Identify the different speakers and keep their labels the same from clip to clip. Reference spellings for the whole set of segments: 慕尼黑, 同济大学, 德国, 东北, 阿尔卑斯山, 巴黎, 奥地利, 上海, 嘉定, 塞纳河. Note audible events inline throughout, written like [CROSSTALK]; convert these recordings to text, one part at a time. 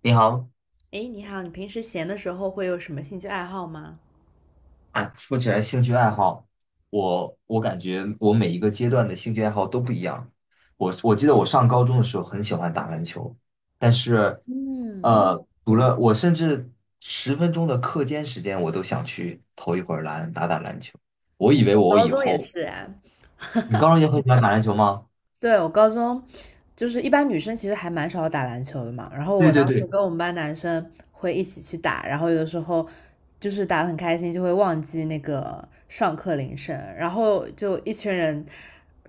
Speaker 1: 你好，
Speaker 2: 哎，你好，你平时闲的时候会有什么兴趣爱好吗？
Speaker 1: 哎，说起来兴趣爱好，我感觉我每一个阶段的兴趣爱好都不一样。我记得我上高中的时候很喜欢打篮球，但是，
Speaker 2: 嗯，
Speaker 1: 读了我甚至十分钟的课间时间，我都想去投一会儿篮，打打篮球。我以为
Speaker 2: 我
Speaker 1: 我
Speaker 2: 高
Speaker 1: 以
Speaker 2: 中也
Speaker 1: 后，
Speaker 2: 是啊。
Speaker 1: 你高中也很喜欢打篮球吗？[LAUGHS]
Speaker 2: 对，我高中就是一般女生其实还蛮少打篮球的嘛，然后
Speaker 1: 对
Speaker 2: 我
Speaker 1: 对
Speaker 2: 当时
Speaker 1: 对，
Speaker 2: 跟我们班男生会一起去打，然后有的时候就是打的很开心，就会忘记那个上课铃声，然后就一群人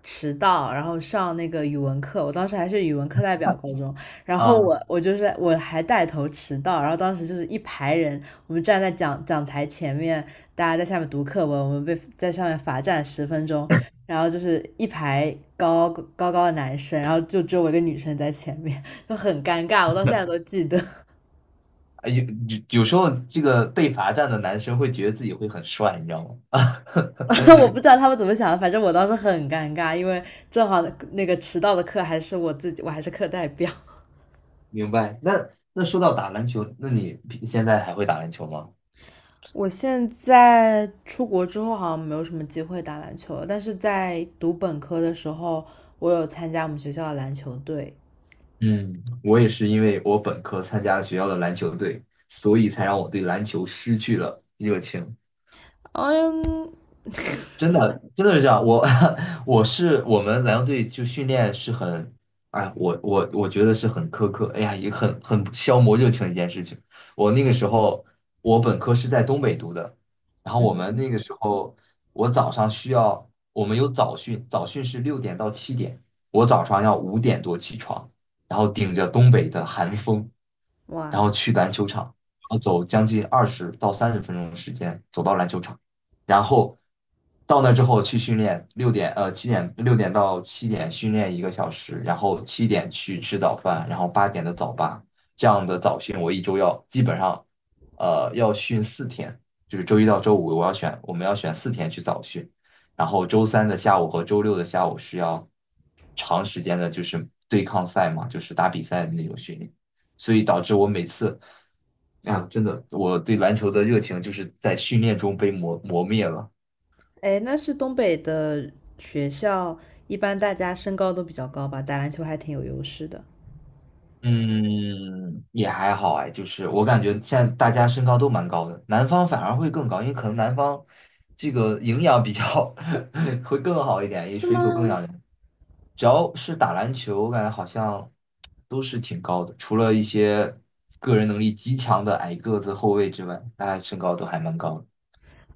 Speaker 2: 迟到，然后上那个语文课，我当时还是语文课代表高中，然后
Speaker 1: 啊、
Speaker 2: 我我就是我还带头迟到，然后当时就是一排人，我们站在讲台前面，大家在下面读课文，我们被在上面罚站10分钟，然后就是一排高的男生，然后就只有我一个女生在前面，就很尴尬，我到现在都记得。
Speaker 1: 啊有有时候这个被罚站的男生会觉得自己会很帅，你知道吗？[LAUGHS]
Speaker 2: [LAUGHS] 我不知道他们怎么想的，反正我当时很尴尬，因为正好那个迟到的课还是我自己，我还是课代表。
Speaker 1: 明白。那那说到打篮球，那你平现在还会打篮球吗？
Speaker 2: [LAUGHS] 我现在出国之后好像没有什么机会打篮球，但是在读本科的时候，我有参加我们学校的篮球队。
Speaker 1: 嗯，我也是因为我本科参加了学校的篮球队，所以才让我对篮球失去了热情。
Speaker 2: 嗯
Speaker 1: 真的，真的是这样。我 [LAUGHS] 我是我们篮球队就训练是很，哎，我觉得是很苛刻，哎呀，也很消磨热情的一件事情。我那个时候，我本科是在东北读的，然后我
Speaker 2: 嗯。
Speaker 1: 们那个时候，我早上需要，我们有早训，早训是六点到七点，我早上要5点多起床，然后顶着东北的寒风，然后
Speaker 2: 哇。
Speaker 1: 去篮球场，然后走将近20到30分钟的时间走到篮球场。然后到那之后去训练，六点七点六点到七点,训练1个小时，然后七点去吃早饭，然后8点的早八，这样的早训我一周要基本上要训四天，就是周一到周五我们要选四天去早训，然后周三的下午和周六的下午是要长时间的，就是对抗赛嘛，就是打比赛的那种训练。所以导致我每次啊，真的，我对篮球的热情就是在训练中被磨灭了。
Speaker 2: 哎，那是东北的学校，一般大家身高都比较高吧，打篮球还挺有优势的。
Speaker 1: 嗯，也还好哎，就是我感觉现在大家身高都蛮高的，南方反而会更高，因为可能南方这个营养比较 [LAUGHS] 会更好一点，也水土更养人。只要是打篮球，我感觉好像都是挺高的，除了一些个人能力极强的矮个子后卫之外，大家身高都还蛮高的。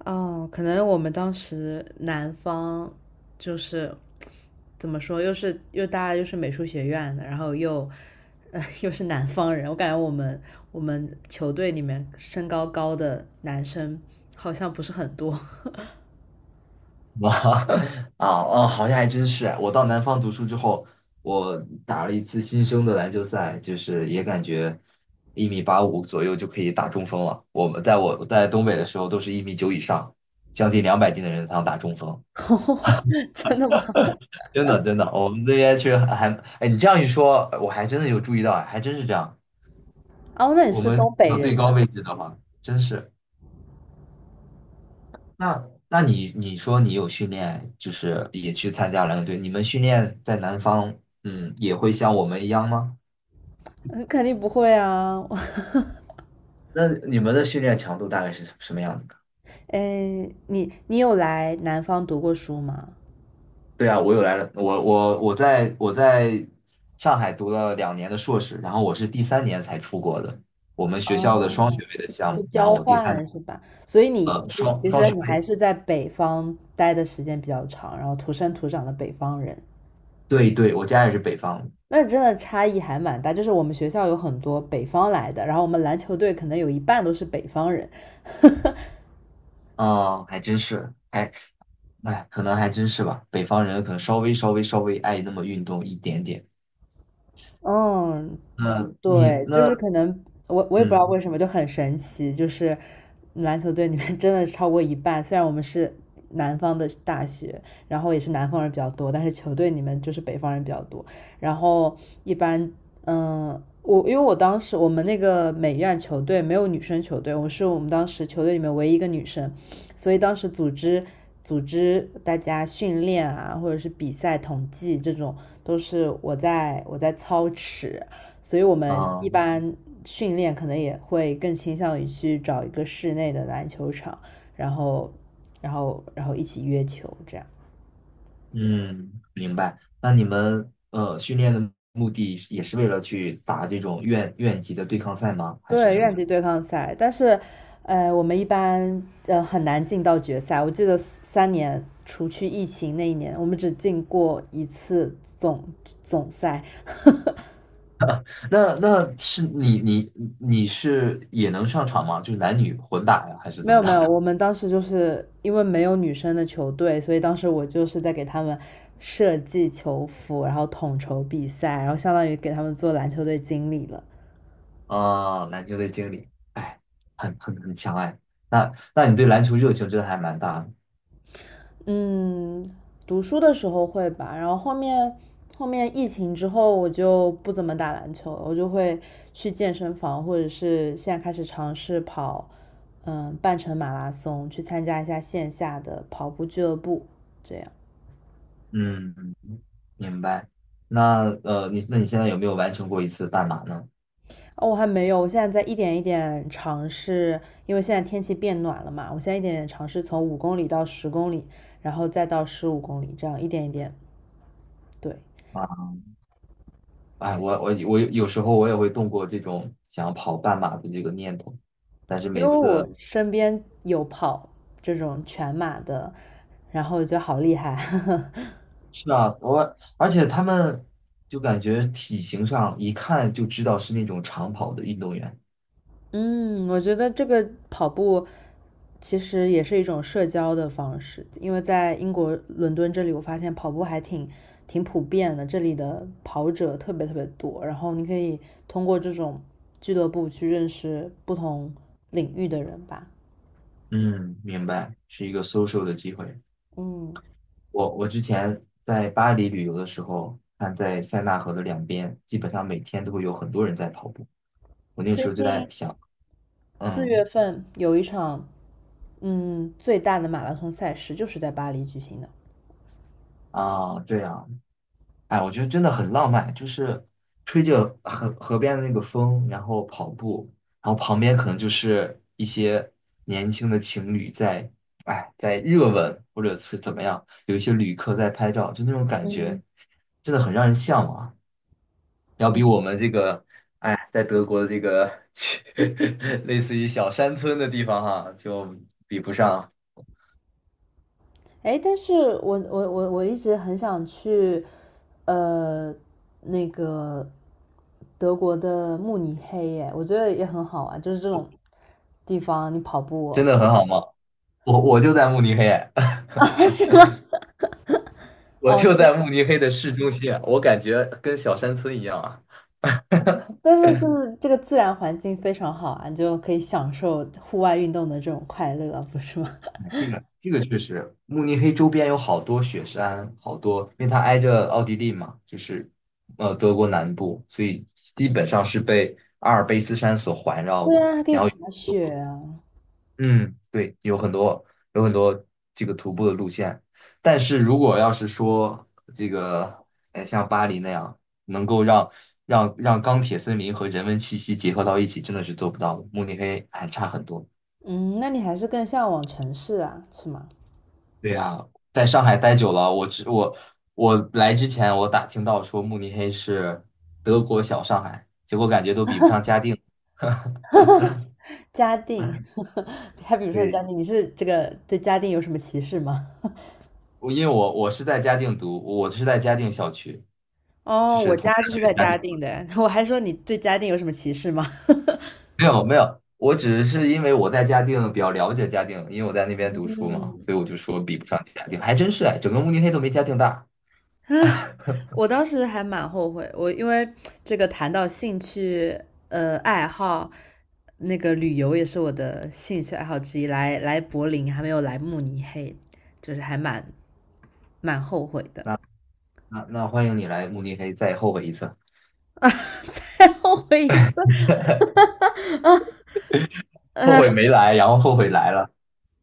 Speaker 2: 哦，可能我们当时南方就是怎么说，又是又大家又是美术学院的，然后又[LAUGHS] 又是南方人，我感觉我们球队里面身高高的男生好像不是很多。
Speaker 1: 哇 [LAUGHS] 啊哦，好像还真是。我到南方读书之后，我打了一次新生的篮球赛，就是也感觉1米85左右就可以打中锋了。我在东北的时候都是1米9以上，将近200斤的人才能打中锋。
Speaker 2: [LAUGHS] 哦，[LAUGHS] 真的吗？
Speaker 1: 真的真的，我们这边确实还，还哎，你这样一说，我还真的有注意到，哎还真是这样。
Speaker 2: 哦，那你
Speaker 1: 我
Speaker 2: 是东
Speaker 1: 们
Speaker 2: 北
Speaker 1: 到
Speaker 2: 人
Speaker 1: 最
Speaker 2: 呐？
Speaker 1: 高位置的话，真是。那那你说你有训练，就是也去参加篮球队，你们训练在南方，嗯，也会像我们一样吗？
Speaker 2: 嗯，肯定不会啊。[LAUGHS]
Speaker 1: 那你们的训练强度大概是什么样子的？
Speaker 2: 哎，你有来南方读过书吗？
Speaker 1: 对啊，我有来了，我在上海读了2年的硕士，然后我是第三年才出国的，我们学校的双
Speaker 2: 哦，
Speaker 1: 学位的项
Speaker 2: 就
Speaker 1: 目，然后
Speaker 2: 交 [LAUGHS]
Speaker 1: 我第三年
Speaker 2: 换是吧？所以你就是
Speaker 1: 双
Speaker 2: 其
Speaker 1: 双
Speaker 2: 实
Speaker 1: 学
Speaker 2: 你
Speaker 1: 位，
Speaker 2: 还是在北方待的时间比较长，然后土生土长的北方人，
Speaker 1: 对对，我家也是北方的，
Speaker 2: 那真的差异还蛮大。就是我们学校有很多北方来的，然后我们篮球队可能有一半都是北方人。[LAUGHS]
Speaker 1: 嗯，还真是，哎哎，可能还真是吧，北方人可能稍微爱那么运动一点点。
Speaker 2: 嗯，
Speaker 1: 嗯，你
Speaker 2: 对，就
Speaker 1: 那
Speaker 2: 是可能我也不知道
Speaker 1: 嗯
Speaker 2: 为什么就很神奇，就是篮球队里面 [LAUGHS] 真的超过一半，虽然我们是南方的大学，然后也是南方人比较多，但是球队里面就是北方人比较多。然后一般，嗯，我因为我当时我们那个美院球队没有女生球队，我是我们当时球队里面唯一一个女生，所以当时组织大家训练啊，或者是比赛统计这种，都是我在操持，所以我们一
Speaker 1: 啊
Speaker 2: 般训练可能也会更倾向于去找一个室内的篮球场，然后，然后一起约球这样。
Speaker 1: 嗯，明白。那你们训练的目的是也是为了去打这种院级的对抗赛吗？还是
Speaker 2: 对，
Speaker 1: 什
Speaker 2: 院
Speaker 1: 么？
Speaker 2: 级对抗赛，但是，我们一般很难进到决赛。我记得三年，除去疫情那一年，我们只进过一次总赛。
Speaker 1: 那那是你是也能上场吗？就是男女混打呀，还是
Speaker 2: 没
Speaker 1: 怎么
Speaker 2: 有没有，
Speaker 1: 着？
Speaker 2: 我们当时就是因为没有女生的球队，所以当时我就是在给他们设计球服，然后统筹比赛，然后相当于给他们做篮球队经理了。
Speaker 1: [LAUGHS] 啊，篮球队经理，哎，很强哎。那那你对篮球热情真的还蛮大的。
Speaker 2: 嗯，读书的时候会吧，然后后面疫情之后我就不怎么打篮球了，我就会去健身房，或者是现在开始尝试跑，嗯，半程马拉松，去参加一下线下的跑步俱乐部，这样。
Speaker 1: 嗯，明白。那，你现在有没有完成过一次半马呢？
Speaker 2: 哦，我还没有，我现在在一点一点尝试，因为现在天气变暖了嘛，我现在一点点尝试从五公里到10公里，然后再到15公里，这样一点一点。对，
Speaker 1: 啊。哎，我有时候我也会动过这种想要跑半马的这个念头，但是
Speaker 2: 因为
Speaker 1: 每
Speaker 2: 我
Speaker 1: 次
Speaker 2: 身边有跑这种全马的，然后我觉得好厉害。[LAUGHS]
Speaker 1: 是啊，我而且他们就感觉体型上一看就知道是那种长跑的运动员。
Speaker 2: 嗯，我觉得这个跑步其实也是一种社交的方式，因为在英国伦敦这里，我发现跑步还挺普遍的，这里的跑者特别特别多，然后你可以通过这种俱乐部去认识不同领域的人吧。
Speaker 1: 嗯，明白，是一个 social 的机会。
Speaker 2: 嗯，
Speaker 1: 我之前在巴黎旅游的时候，看在塞纳河的两边，基本上每天都会有很多人在跑步。我那个时候
Speaker 2: 最
Speaker 1: 就在
Speaker 2: 近
Speaker 1: 想，
Speaker 2: 四月
Speaker 1: 嗯
Speaker 2: 份有一场最大的马拉松赛事，就是在巴黎举行的。
Speaker 1: 啊，对啊。哎，我觉得真的很浪漫，就是吹着河边的那个风，然后跑步，然后旁边可能就是一些年轻的情侣在，哎，在热吻或者是怎么样，有一些旅客在拍照，就那种感觉，真的很让人向往，要比我们这个，哎，在德国的这个 [LAUGHS] 类似于小山村的地方哈，就比不上，
Speaker 2: 哎，但是我一直很想去，呃，那个德国的慕尼黑耶，我觉得也很好玩，就是这种地方你跑
Speaker 1: 真
Speaker 2: 步。 [LAUGHS]
Speaker 1: 的很好吗？我我就在慕尼黑。
Speaker 2: 啊，是吗？
Speaker 1: 我
Speaker 2: 哦，
Speaker 1: 就在慕尼黑的市中心，我感觉跟小山村一样啊。
Speaker 2: 但是就是这个自然环境非常好啊，你就可以享受户外运动的这种快乐，不是吗？
Speaker 1: 这个确实，慕尼黑周边有好多雪山，好多，因为它挨着奥地利嘛，就是德国南部，所以基本上是被阿尔卑斯山所环
Speaker 2: [LAUGHS]
Speaker 1: 绕
Speaker 2: 对
Speaker 1: 的。
Speaker 2: 啊，还可以
Speaker 1: 然后
Speaker 2: 滑雪啊。
Speaker 1: 嗯，对，有很多这个徒步的路线，但是如果要是说这个，像巴黎那样能够让钢铁森林和人文气息结合到一起，真的是做不到的。慕尼黑还差很多。
Speaker 2: 嗯，那你还是更向往城市啊，是吗？
Speaker 1: 对呀，在上海待久了，我来之前我打听到说慕尼黑是德国小上海，结果感觉都比不上嘉定。
Speaker 2: 嘉定，[LAUGHS] 还比如说你嘉
Speaker 1: 对，
Speaker 2: 定，你是这个对嘉定有什么歧视吗？
Speaker 1: 因为我是在嘉定读，我是在嘉定校区，就
Speaker 2: 哦，
Speaker 1: 是
Speaker 2: 我
Speaker 1: 同
Speaker 2: 家
Speaker 1: 济
Speaker 2: 就
Speaker 1: 大
Speaker 2: 是
Speaker 1: 学
Speaker 2: 在
Speaker 1: 嘉
Speaker 2: 嘉
Speaker 1: 定。
Speaker 2: 定的，[LAUGHS] 我还说你对嘉定有什么歧视吗？[LAUGHS]
Speaker 1: 没有没有，我只是因为我在嘉定比较了解嘉定，因为我在那边读书嘛，所以我
Speaker 2: 嗯，
Speaker 1: 就说比不上嘉定，还真是哎，整个慕尼黑都没嘉定大。
Speaker 2: 我当时还蛮后悔，我因为这个谈到兴趣，呃，爱好，那个旅游也是我的兴趣爱好之一。来柏林，还没有来慕尼黑，就是还蛮后悔的。
Speaker 1: 那那那欢迎你来慕尼黑，再后悔一次，
Speaker 2: [LAUGHS] 再后悔一次。[LAUGHS] 啊，
Speaker 1: 后悔
Speaker 2: 呃，
Speaker 1: 没来，然后后悔来了。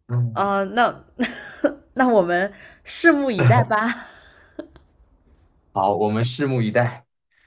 Speaker 1: 嗯，
Speaker 2: 哦、那 [LAUGHS] 那我们拭目以待吧。
Speaker 1: 好，我们拭目以待。